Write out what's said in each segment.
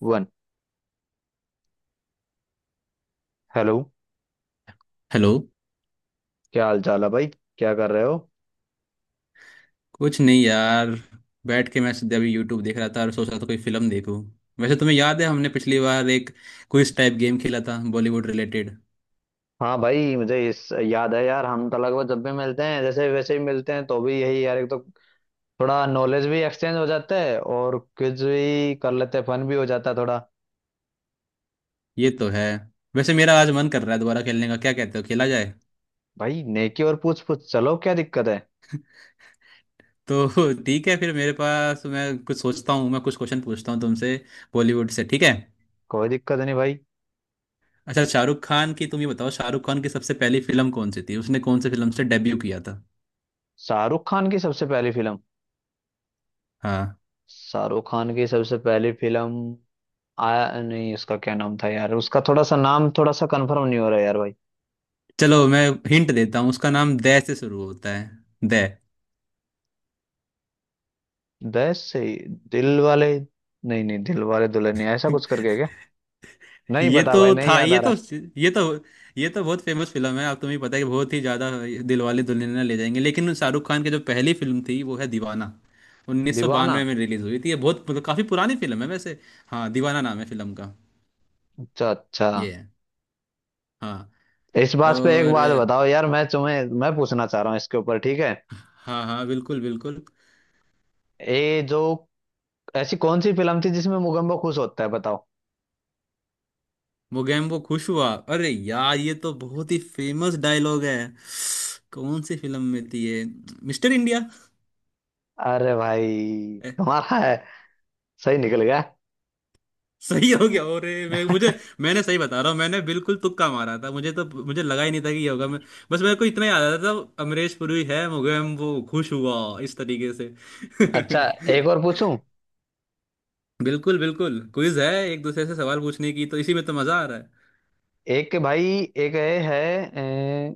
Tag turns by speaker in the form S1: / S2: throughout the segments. S1: One. Hello.
S2: Hello.
S1: क्या हाल चाल है भाई? क्या कर रहे हो?
S2: कुछ नहीं यार, बैठ के मैं सीधे अभी यूट्यूब देख रहा था और सोच रहा था कोई फिल्म देखूं। वैसे तुम्हें याद है हमने पिछली बार एक क्विज टाइप गेम खेला था, बॉलीवुड रिलेटेड?
S1: हाँ भाई, मुझे इस याद है यार। हम तो लगभग जब भी मिलते हैं जैसे वैसे ही मिलते हैं, तो भी यही यार, एक तो थोड़ा नॉलेज भी एक्सचेंज हो जाता है और क्विज भी कर लेते हैं, फन भी हो जाता है थोड़ा।
S2: ये तो है। वैसे मेरा आज मन कर रहा है दोबारा खेलने का, क्या कहते हो, खेला जाए?
S1: भाई नेकी और पूछ पूछ, चलो क्या दिक्कत है।
S2: तो ठीक है फिर। मेरे पास मैं कुछ सोचता हूँ, मैं कुछ क्वेश्चन पूछता हूँ तुमसे बॉलीवुड से, ठीक है?
S1: कोई दिक्कत नहीं भाई।
S2: अच्छा, शाहरुख खान की तुम ये बताओ, शाहरुख खान की सबसे पहली फिल्म कौन सी थी? उसने कौन से फिल्म से डेब्यू किया था?
S1: शाहरुख खान की सबसे पहली फिल्म।
S2: हाँ।
S1: शाहरुख खान की सबसे पहली फिल्म आया नहीं। उसका क्या नाम था यार? उसका थोड़ा सा नाम, थोड़ा सा कंफर्म नहीं हो रहा यार भाई।
S2: चलो मैं हिंट देता हूँ, उसका नाम दय से शुरू होता है। दय।
S1: दिल वाले, नहीं नहीं, दिल वाले दुल्हनिया ऐसा कुछ करके है क्या? नहीं
S2: ये
S1: पता भाई,
S2: तो
S1: नहीं
S2: था
S1: याद आ
S2: ये
S1: रहा।
S2: तो ये तो ये तो बहुत फेमस फिल्म है। आप तुम्हें पता है कि बहुत ही ज्यादा दिलवाले दुल्हनिया ले जाएंगे, लेकिन शाहरुख खान की जो पहली फिल्म थी वो है दीवाना।
S1: दीवाना।
S2: 1992 में रिलीज हुई थी। ये बहुत मतलब काफी पुरानी फिल्म है वैसे। हाँ, दीवाना नाम है फिल्म का।
S1: अच्छा अच्छा।
S2: ये है। हाँ।
S1: इस बात पे एक
S2: और।
S1: बात बताओ यार, मैं तुम्हें, मैं पूछना चाह रहा हूँ इसके ऊपर, ठीक है?
S2: हाँ हाँ, बिल्कुल बिल्कुल।
S1: ये जो ऐसी कौन सी फिल्म थी जिसमें मुगम्बो खुश होता है, बताओ।
S2: मोगैम्बो खुश हुआ। अरे यार, ये तो बहुत ही फेमस डायलॉग है। कौन सी फिल्म में थी ये? Mister India.
S1: अरे भाई तुम्हारा है, सही निकल गया।
S2: सही हो गया। और मैं मुझे मैंने सही बता रहा हूँ, मैंने बिल्कुल तुक्का मारा था। मुझे तो, मुझे लगा ही नहीं था कि ये होगा। मैं बस, मेरे को इतना याद आ रहा था अमरीश पुरी है। मुझे हम वो खुश हुआ इस तरीके से।
S1: अच्छा, एक और पूछूं।
S2: बिल्कुल बिल्कुल, क्विज है एक दूसरे से सवाल पूछने की, तो इसी में तो मजा आ रहा है।
S1: एक भाई, एक है, अ,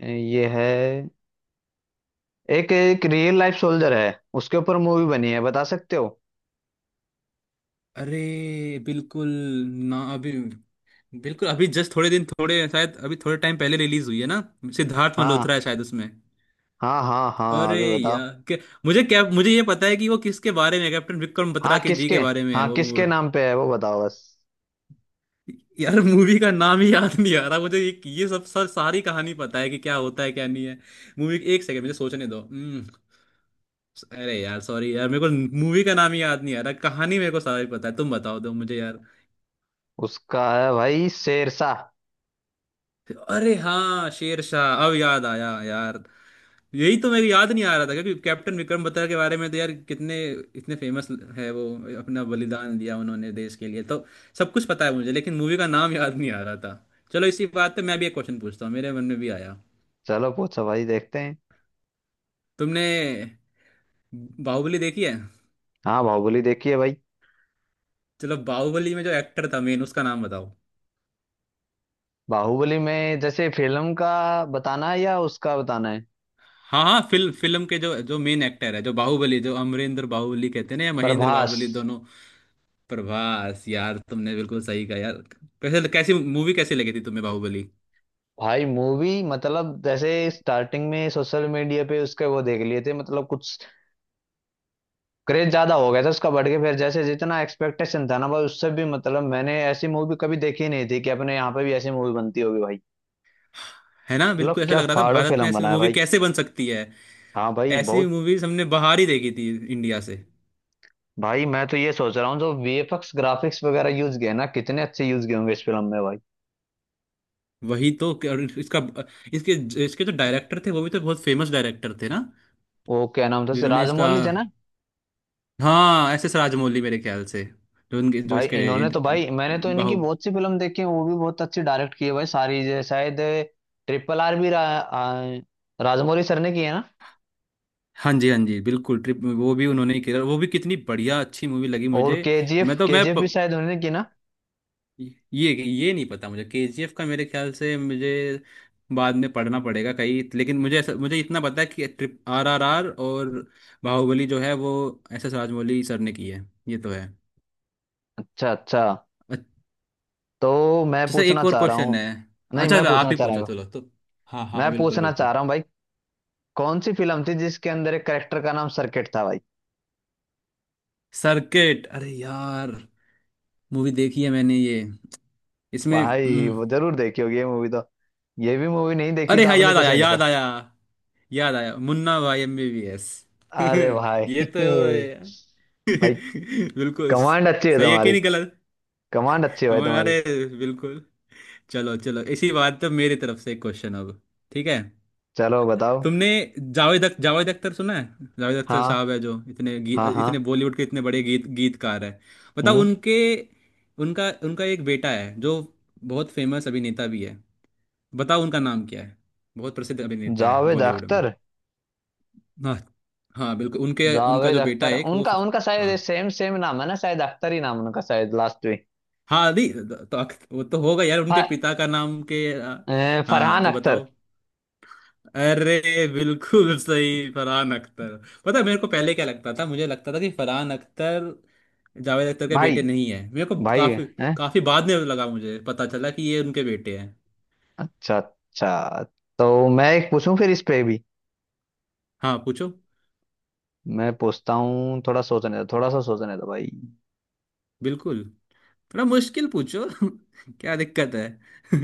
S1: ये है, एक एक रियल लाइफ सोल्जर है, उसके ऊपर मूवी बनी है, बता सकते हो?
S2: अरे बिल्कुल। ना अभी, बिल्कुल अभी जस्ट थोड़े दिन, थोड़े शायद अभी थोड़े टाइम पहले रिलीज हुई है ना। सिद्धार्थ
S1: हाँ
S2: मल्होत्रा है शायद उसमें।
S1: हाँ हाँ, हाँ
S2: अरे
S1: अभी बताओ।
S2: यार मुझे क्या, मुझे ये पता है कि वो किसके बारे में है, कैप्टन विक्रम
S1: हाँ
S2: बत्रा के जी
S1: किसके,
S2: के बारे में है
S1: हाँ
S2: वो मूवी।
S1: किसके नाम पे है वो, बताओ बस।
S2: यार, मूवी का नाम ही याद नहीं आ रहा मुझे। ये सब सर, सारी कहानी पता है कि क्या होता है क्या नहीं है। मूवी, एक सेकंड मुझे सोचने दो। हम्म। अरे यार सॉरी यार, मेरे को मूवी का नाम ही याद नहीं आ रहा। कहानी मेरे को सारी पता है, तुम बताओ दो मुझे यार।
S1: उसका है भाई, शेरशाह।
S2: अरे हाँ, शेर शाह, अब याद आया यार। यही तो मेरे याद नहीं आ रहा था, क्योंकि कैप्टन विक्रम बत्रा के बारे में तो यार कितने इतने फेमस है वो। अपना बलिदान दिया उन्होंने देश के लिए, तो सब कुछ पता है मुझे, लेकिन मूवी का नाम याद नहीं आ रहा था। चलो इसी बात पे मैं भी एक क्वेश्चन पूछता हूँ, मेरे मन में भी आया।
S1: चलो पूछो भाई, देखते हैं।
S2: तुमने बाहुबली देखी है?
S1: हाँ बाहुबली देखी है भाई।
S2: चलो, बाहुबली में जो एक्टर था मेन, उसका नाम बताओ।
S1: बाहुबली में जैसे फिल्म का बताना है या उसका बताना है?
S2: हाँ हाँ, फिल्म फिल्म के जो जो मेन एक्टर है, जो बाहुबली, जो अमरेंद्र बाहुबली कहते हैं ना, या महेंद्र
S1: प्रभास।
S2: बाहुबली, दोनों। प्रभास। यार तुमने बिल्कुल सही कहा यार। कैसे, कैसी मूवी कैसी लगी थी तुम्हें बाहुबली?
S1: भाई मूवी मतलब जैसे, स्टार्टिंग में सोशल मीडिया पे उसके वो देख लिए थे, मतलब कुछ क्रेज ज्यादा हो गया था उसका, बढ़ के फिर जैसे जितना एक्सपेक्टेशन था ना भाई उससे भी, मतलब मैंने ऐसी मूवी कभी देखी नहीं थी कि अपने यहाँ पे भी ऐसी मूवी बनती होगी भाई।
S2: है ना, बिल्कुल
S1: मतलब
S2: ऐसा
S1: क्या
S2: लग रहा था
S1: फाड़ो
S2: भारत में
S1: फिल्म
S2: ऐसी
S1: बनाया
S2: मूवी
S1: भाई।
S2: कैसे बन सकती है।
S1: हाँ भाई
S2: ऐसी
S1: बहुत।
S2: मूवीज हमने बाहर ही देखी थी, इंडिया से।
S1: भाई मैं तो ये सोच रहा हूँ जो वीएफएक्स ग्राफिक्स वगैरह यूज किए ना, कितने अच्छे यूज किए होंगे इस फिल्म में भाई।
S2: वही तो। और इसका, इसके, इसके जो डायरेक्टर थे वो भी तो बहुत फेमस डायरेक्टर थे ना,
S1: वो क्या नाम था, से
S2: जिन्होंने इसका,
S1: राजमौली थे ना?
S2: हाँ एस एस राजमौली मेरे ख्याल से। जो उनके, जो
S1: भाई
S2: इसके,
S1: इन्होंने तो, भाई मैंने तो इन्हीं की
S2: बाहु।
S1: बहुत सी फिल्म देखी है, वो भी बहुत अच्छी डायरेक्ट की है भाई सारी। शायद ट्रिपल आर भी राजमौली सर ने की है ना?
S2: हाँ जी, हाँ जी, बिल्कुल। ट्रिप, वो भी उन्होंने ही किया, वो भी कितनी बढ़िया, अच्छी मूवी लगी
S1: और
S2: मुझे। मैं
S1: केजीएफ,
S2: तो मैं
S1: केजीएफ भी
S2: प,
S1: शायद उन्होंने की ना।
S2: ये नहीं पता मुझे केजीएफ का। मेरे ख्याल से मुझे बाद में पढ़ना पड़ेगा कहीं, लेकिन मुझे ऐसा मुझे इतना पता है कि ट्रिप, आरआरआर और बाहुबली जो है वो एस एस राजमौली सर ने की है। ये तो है।
S1: अच्छा अच्छा।
S2: अच्छा।
S1: तो मैं
S2: सर, एक
S1: पूछना
S2: और
S1: चाह रहा
S2: क्वेश्चन
S1: हूँ।
S2: है।
S1: नहीं,
S2: अच्छा,
S1: मैं
S2: आप
S1: पूछना
S2: ही
S1: चाह रहा
S2: पूछो
S1: हूँ।
S2: चलो तो। हाँ हाँ
S1: मैं
S2: हाँ, बिल्कुल
S1: पूछना चाह
S2: बिल्कुल।
S1: रहा हूँ भाई, कौन सी फिल्म थी जिसके अंदर एक करेक्टर का नाम सर्किट था भाई?
S2: सर्किट, अरे यार, मूवी देखी है मैंने ये। इसमें,
S1: भाई वो जरूर देखी होगी ये मूवी तो। ये भी मूवी नहीं देखी
S2: अरे
S1: तो
S2: हाँ,
S1: आपने
S2: याद
S1: कुछ
S2: आया,
S1: नहीं देखा।
S2: याद आया, याद आया, मुन्ना भाई एमबीबीएस।
S1: अरे भाई
S2: ये तो
S1: भाई
S2: बिल्कुल
S1: कमांड अच्छी है
S2: सही है कि
S1: तुम्हारी,
S2: नहीं, गलत?
S1: कमांड अच्छी है भाई
S2: कमल, अरे
S1: तुम्हारी।
S2: बिल्कुल। चलो चलो, इसी बात तो मेरी तरफ से एक क्वेश्चन अब, ठीक है?
S1: चलो बताओ।
S2: तुमने जावेद अख्तर सुना है? जावेद अख्तर
S1: हाँ
S2: साहब है जो इतने
S1: हाँ हाँ।
S2: इतने बॉलीवुड के इतने बड़े गीत गीतकार है। बताओ
S1: हम्म।
S2: उनके, उनका उनका एक बेटा है जो बहुत फेमस अभिनेता भी है, बताओ उनका नाम क्या है। बहुत प्रसिद्ध अभिनेता है
S1: जावेद
S2: बॉलीवुड में।
S1: अख्तर।
S2: हाँ हाँ बिल्कुल, उनके उनका
S1: जावेद
S2: जो बेटा है
S1: अख्तर
S2: एक वो
S1: उनका, उनका शायद
S2: हाँ।
S1: सेम सेम नाम है ना, शायद अख्तर ही नाम है उनका शायद लास्ट में।
S2: हाँ दी तो वो तो होगा यार, उनके
S1: फ-
S2: पिता का नाम हाँ
S1: फरहान
S2: तो
S1: अख्तर।
S2: बताओ। अरे बिल्कुल सही, फरहान अख्तर। पता है मेरे को पहले क्या लगता था, मुझे लगता था कि फरहान अख्तर जावेद अख्तर के
S1: भाई,
S2: बेटे नहीं है। मेरे को
S1: भाई,
S2: काफी,
S1: हैं।
S2: काफी बाद में लगा मुझे पता चला कि ये उनके बेटे हैं।
S1: अच्छा अच्छा। तो मैं एक पूछूं फिर इस पे भी।
S2: हाँ पूछो।
S1: मैं पूछता हूँ, थोड़ा सोचने दो, थोड़ा सा सोचने दो भाई।
S2: बिल्कुल, थोड़ा मुश्किल पूछो क्या दिक्कत है।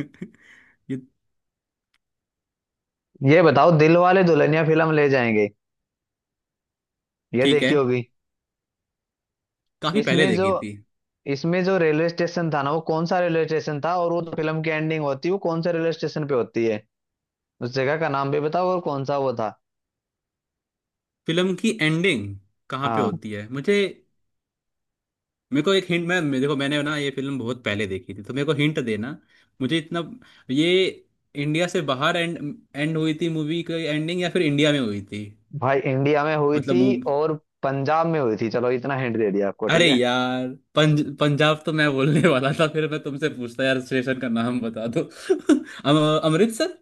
S2: ये।
S1: ये बताओ दिल वाले दुल्हनिया फिल्म ले जाएंगे, ये
S2: ठीक है,
S1: देखी होगी।
S2: काफी पहले
S1: इसमें जो,
S2: देखी थी।
S1: इसमें जो रेलवे स्टेशन था ना, वो कौन सा रेलवे स्टेशन था? और वो जो फिल्म की एंडिंग होती है वो कौन से रेलवे स्टेशन पे होती है? उस जगह का नाम भी बताओ और कौन सा वो था।
S2: फिल्म की एंडिंग कहाँ पे
S1: हाँ
S2: होती है मुझे? मेरे को एक हिंट, देखो, मैंने ना ये फिल्म बहुत पहले देखी थी, तो मेरे को हिंट देना। मुझे इतना ये, इंडिया से बाहर एंड एंड हुई थी मूवी की एंडिंग, या फिर इंडिया में हुई थी?
S1: भाई इंडिया में हुई
S2: मतलब
S1: थी,
S2: मूव।
S1: और पंजाब में हुई थी। चलो इतना हिंट दे दिया आपको,
S2: अरे
S1: ठीक है?
S2: यार पंजाब तो मैं बोलने वाला था, फिर मैं तुमसे पूछता यार, स्टेशन का नाम बता दो। अमृतसर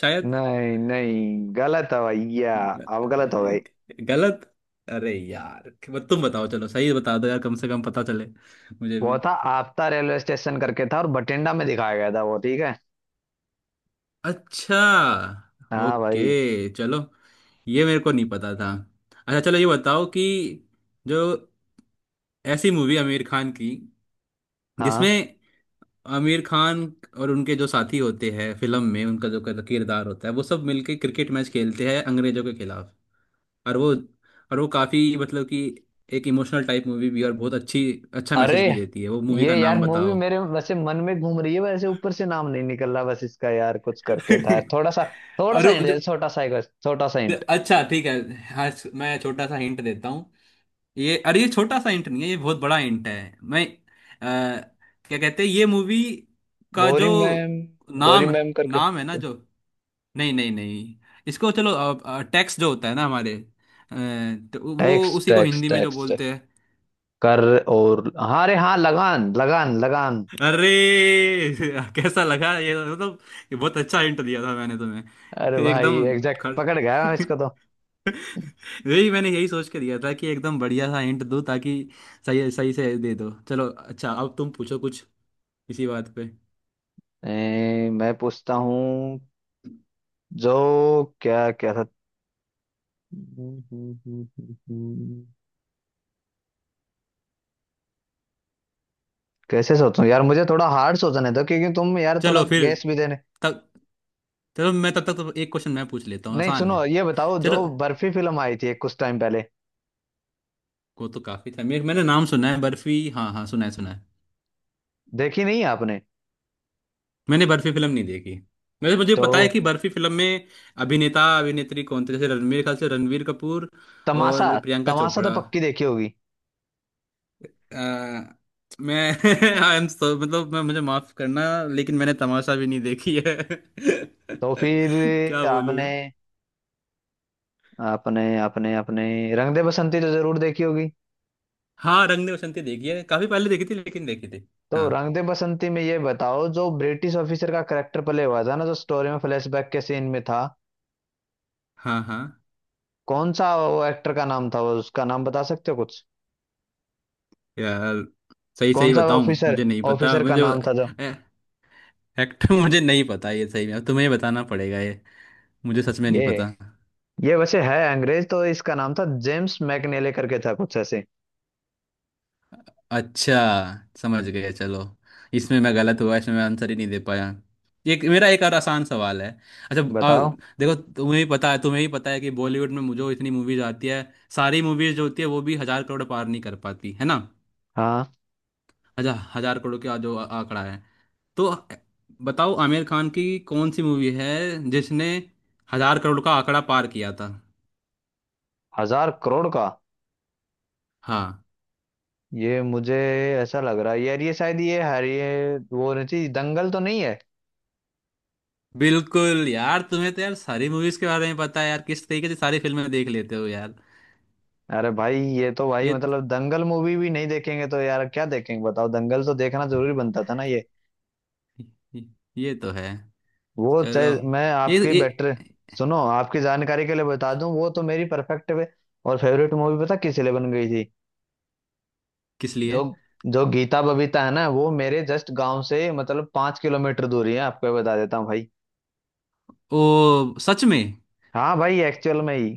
S2: शायद।
S1: नहीं नहीं, गलत है भैया, अब गलत हो गई।
S2: गलत? अरे यार बस तुम बताओ, चलो सही बता दो यार, कम से कम पता चले मुझे भी।
S1: वो था आपता रेलवे स्टेशन करके, था और बठिंडा में दिखाया गया था वो, ठीक है?
S2: अच्छा,
S1: हाँ भाई।
S2: ओके, चलो। ये मेरे को नहीं पता था। अच्छा, चलो ये बताओ कि जो, ऐसी मूवी आमिर खान की
S1: हाँ
S2: जिसमें आमिर खान और उनके जो साथी होते हैं फिल्म में, उनका जो किरदार होता है, वो सब मिलके क्रिकेट मैच खेलते हैं अंग्रेजों के खिलाफ, और वो, और वो काफ़ी मतलब कि एक इमोशनल टाइप मूवी भी है और बहुत अच्छी, अच्छा
S1: अरे,
S2: मैसेज भी देती है, वो मूवी
S1: ये
S2: का
S1: यार
S2: नाम
S1: मूवी
S2: बताओ।
S1: मेरे वैसे मन में घूम रही है, वैसे ऊपर से नाम नहीं निकल रहा बस इसका, यार कुछ करके था यार थोड़ा सा। थोड़ा
S2: और
S1: सा
S2: वो
S1: हिंट दे,
S2: जो,
S1: छोटा सा एक बस, छोटा सा हिंट।
S2: अच्छा ठीक है। हाँ मैं छोटा सा हिंट देता हूँ। ये, अरे ये छोटा सा हिंट नहीं है, ये बहुत बड़ा हिंट है। मैं क्या कहते हैं ये मूवी का जो
S1: गौरी मैम, गौरी
S2: नाम,
S1: मैम करके।
S2: नाम है ना जो, नहीं नहीं नहीं, इसको चलो, टैक्स जो होता है ना हमारे, अ, तो वो
S1: टैक्स
S2: उसी को
S1: टैक्स
S2: हिंदी में जो
S1: टैक्स टैक्स
S2: बोलते हैं।
S1: कर, और हाँ अरे हाँ, लगान लगान लगान।
S2: अरे कैसा लगा ये, मतलब ये बहुत अच्छा हिंट दिया था मैंने
S1: अरे
S2: तुम्हें,
S1: भाई
S2: एकदम
S1: एग्जैक्ट
S2: खड़।
S1: पकड़ गया मैं इसको तो।
S2: यही मैंने, यही सोच के दिया था कि एकदम बढ़िया सा हिंट दूं ताकि सही सही से दे दो। चलो अच्छा, अब तुम पूछो कुछ इसी बात पे।
S1: मैं पूछता हूँ जो, क्या क्या था? कैसे सोचूं यार, मुझे थोड़ा हार्ड सोचने दो, क्योंकि तुम यार थोड़ा
S2: चलो फिर
S1: गैस भी देने
S2: तब, चलो मैं तब तक तो एक क्वेश्चन मैं पूछ लेता हूँ
S1: नहीं।
S2: आसान
S1: सुनो
S2: है।
S1: ये बताओ, जो
S2: चलो,
S1: बर्फी फिल्म आई थी कुछ टाइम पहले,
S2: वो तो काफी था मेरे, मैंने नाम सुना है बर्फी, हाँ हाँ सुना है सुना है।
S1: देखी नहीं है आपने?
S2: मैंने बर्फी फिल्म नहीं देखी। वैसे मुझे
S1: तो
S2: पता है कि बर्फी फिल्म में अभिनेता अभिनेत्री कौन थे, जैसे रणवीर ख्याल से, रणवीर कपूर
S1: तमाशा,
S2: और प्रियंका
S1: तमाशा तो
S2: चोपड़ा।
S1: पक्की देखी होगी।
S2: अ, मैं आई एम सो, मतलब मैं, मुझे माफ करना, लेकिन मैंने तमाशा भी नहीं देखी है।
S1: तो
S2: क्या
S1: फिर
S2: बोलूं
S1: आपने,
S2: मैं।
S1: आपने अपने, रंग दे बसंती तो जरूर देखी होगी।
S2: हाँ, रंग दे बसंती देखी है, काफी पहले देखी थी, लेकिन देखी थी।
S1: तो
S2: हाँ
S1: रंग दे बसंती में ये बताओ, जो ब्रिटिश ऑफिसर का करेक्टर प्ले हुआ था ना, जो स्टोरी में फ्लैशबैक के सीन में था,
S2: हाँ हाँ।
S1: कौन सा वो एक्टर का नाम था वो, उसका नाम बता सकते हो कुछ?
S2: यार, सही
S1: कौन
S2: सही
S1: सा
S2: बताऊं
S1: ऑफिसर,
S2: मुझे नहीं पता
S1: ऑफिसर का
S2: मुझे।
S1: नाम था जो
S2: फैक्ट मुझे नहीं पता ये, सही में अब तुम्हें बताना पड़ेगा ये, मुझे सच में नहीं
S1: ये
S2: पता।
S1: ये वैसे है अंग्रेज, तो इसका नाम था जेम्स मैकनेले करके था कुछ ऐसे।
S2: अच्छा, समझ गए, चलो। इसमें मैं गलत हुआ, इसमें मैं आंसर ही नहीं दे पाया। एक मेरा एक और आसान सवाल है। अच्छा
S1: बताओ।
S2: देखो, तुम्हें भी पता है, तुम्हें भी पता है कि बॉलीवुड में मुझे इतनी मूवीज आती है, सारी मूवीज जो होती है वो भी 1,000 करोड़ पार नहीं कर पाती है ना।
S1: हाँ
S2: अच्छा, 1,000 करोड़ का जो आंकड़ा है, तो बताओ आमिर खान की कौन सी मूवी है जिसने 1,000 करोड़ का आंकड़ा पार किया था।
S1: 1000 करोड़ का,
S2: हाँ।
S1: ये मुझे ऐसा लग रहा है यार, ये शायद ये हर ये वो होनी चाहिए, दंगल तो नहीं है?
S2: बिल्कुल यार, तुम्हें तो यार सारी मूवीज के बारे में पता है यार, किस तरीके से सारी फिल्में देख लेते हो यार।
S1: अरे भाई ये तो भाई,
S2: ये
S1: मतलब दंगल मूवी भी नहीं देखेंगे तो यार क्या देखेंगे, बताओ। दंगल तो देखना जरूरी बनता था ना ये।
S2: ये तो है।
S1: वो चाहे,
S2: चलो,
S1: मैं आपकी
S2: ये
S1: बेटर, सुनो आपकी जानकारी के लिए बता दूं, वो तो मेरी परफेक्ट और फेवरेट मूवी पता किस लिए बन गई थी?
S2: किस
S1: जो,
S2: लिए?
S1: जो गीता बबीता है ना, वो मेरे जस्ट गांव से मतलब 5 किलोमीटर दूरी है, आपको ये बता देता हूँ भाई।
S2: ओ, सच में?
S1: हाँ भाई एक्चुअल में ही,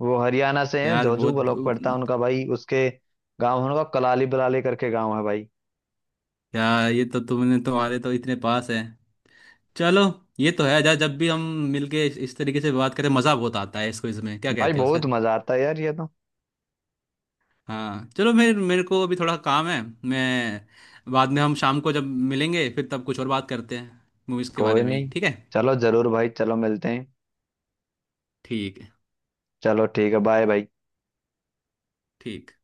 S1: वो हरियाणा से हैं,
S2: यार
S1: जोजू
S2: बहुत।
S1: ब्लॉक पड़ता है उनका भाई, उसके गांव है उनका कलाली बलाली करके गांव है भाई।
S2: यार ये तो, तुमने तुम्हारे तो इतने पास है। चलो, ये तो है। जा, जब भी हम मिलके इस तरीके से बात करें मज़ा बहुत आता है, इसको इसमें क्या
S1: भाई
S2: कहते हो
S1: बहुत
S2: सर।
S1: मजा आता है यार ये तो।
S2: हाँ, चलो, मेरे मेरे को अभी थोड़ा काम है। मैं बाद में, हम शाम को जब मिलेंगे फिर तब कुछ और बात करते हैं मूवीज़ के
S1: कोई
S2: बारे में ही,
S1: नहीं,
S2: ठीक है?
S1: चलो जरूर भाई, चलो मिलते हैं।
S2: ठीक है।
S1: चलो ठीक है, बाय भाई।
S2: ठीक।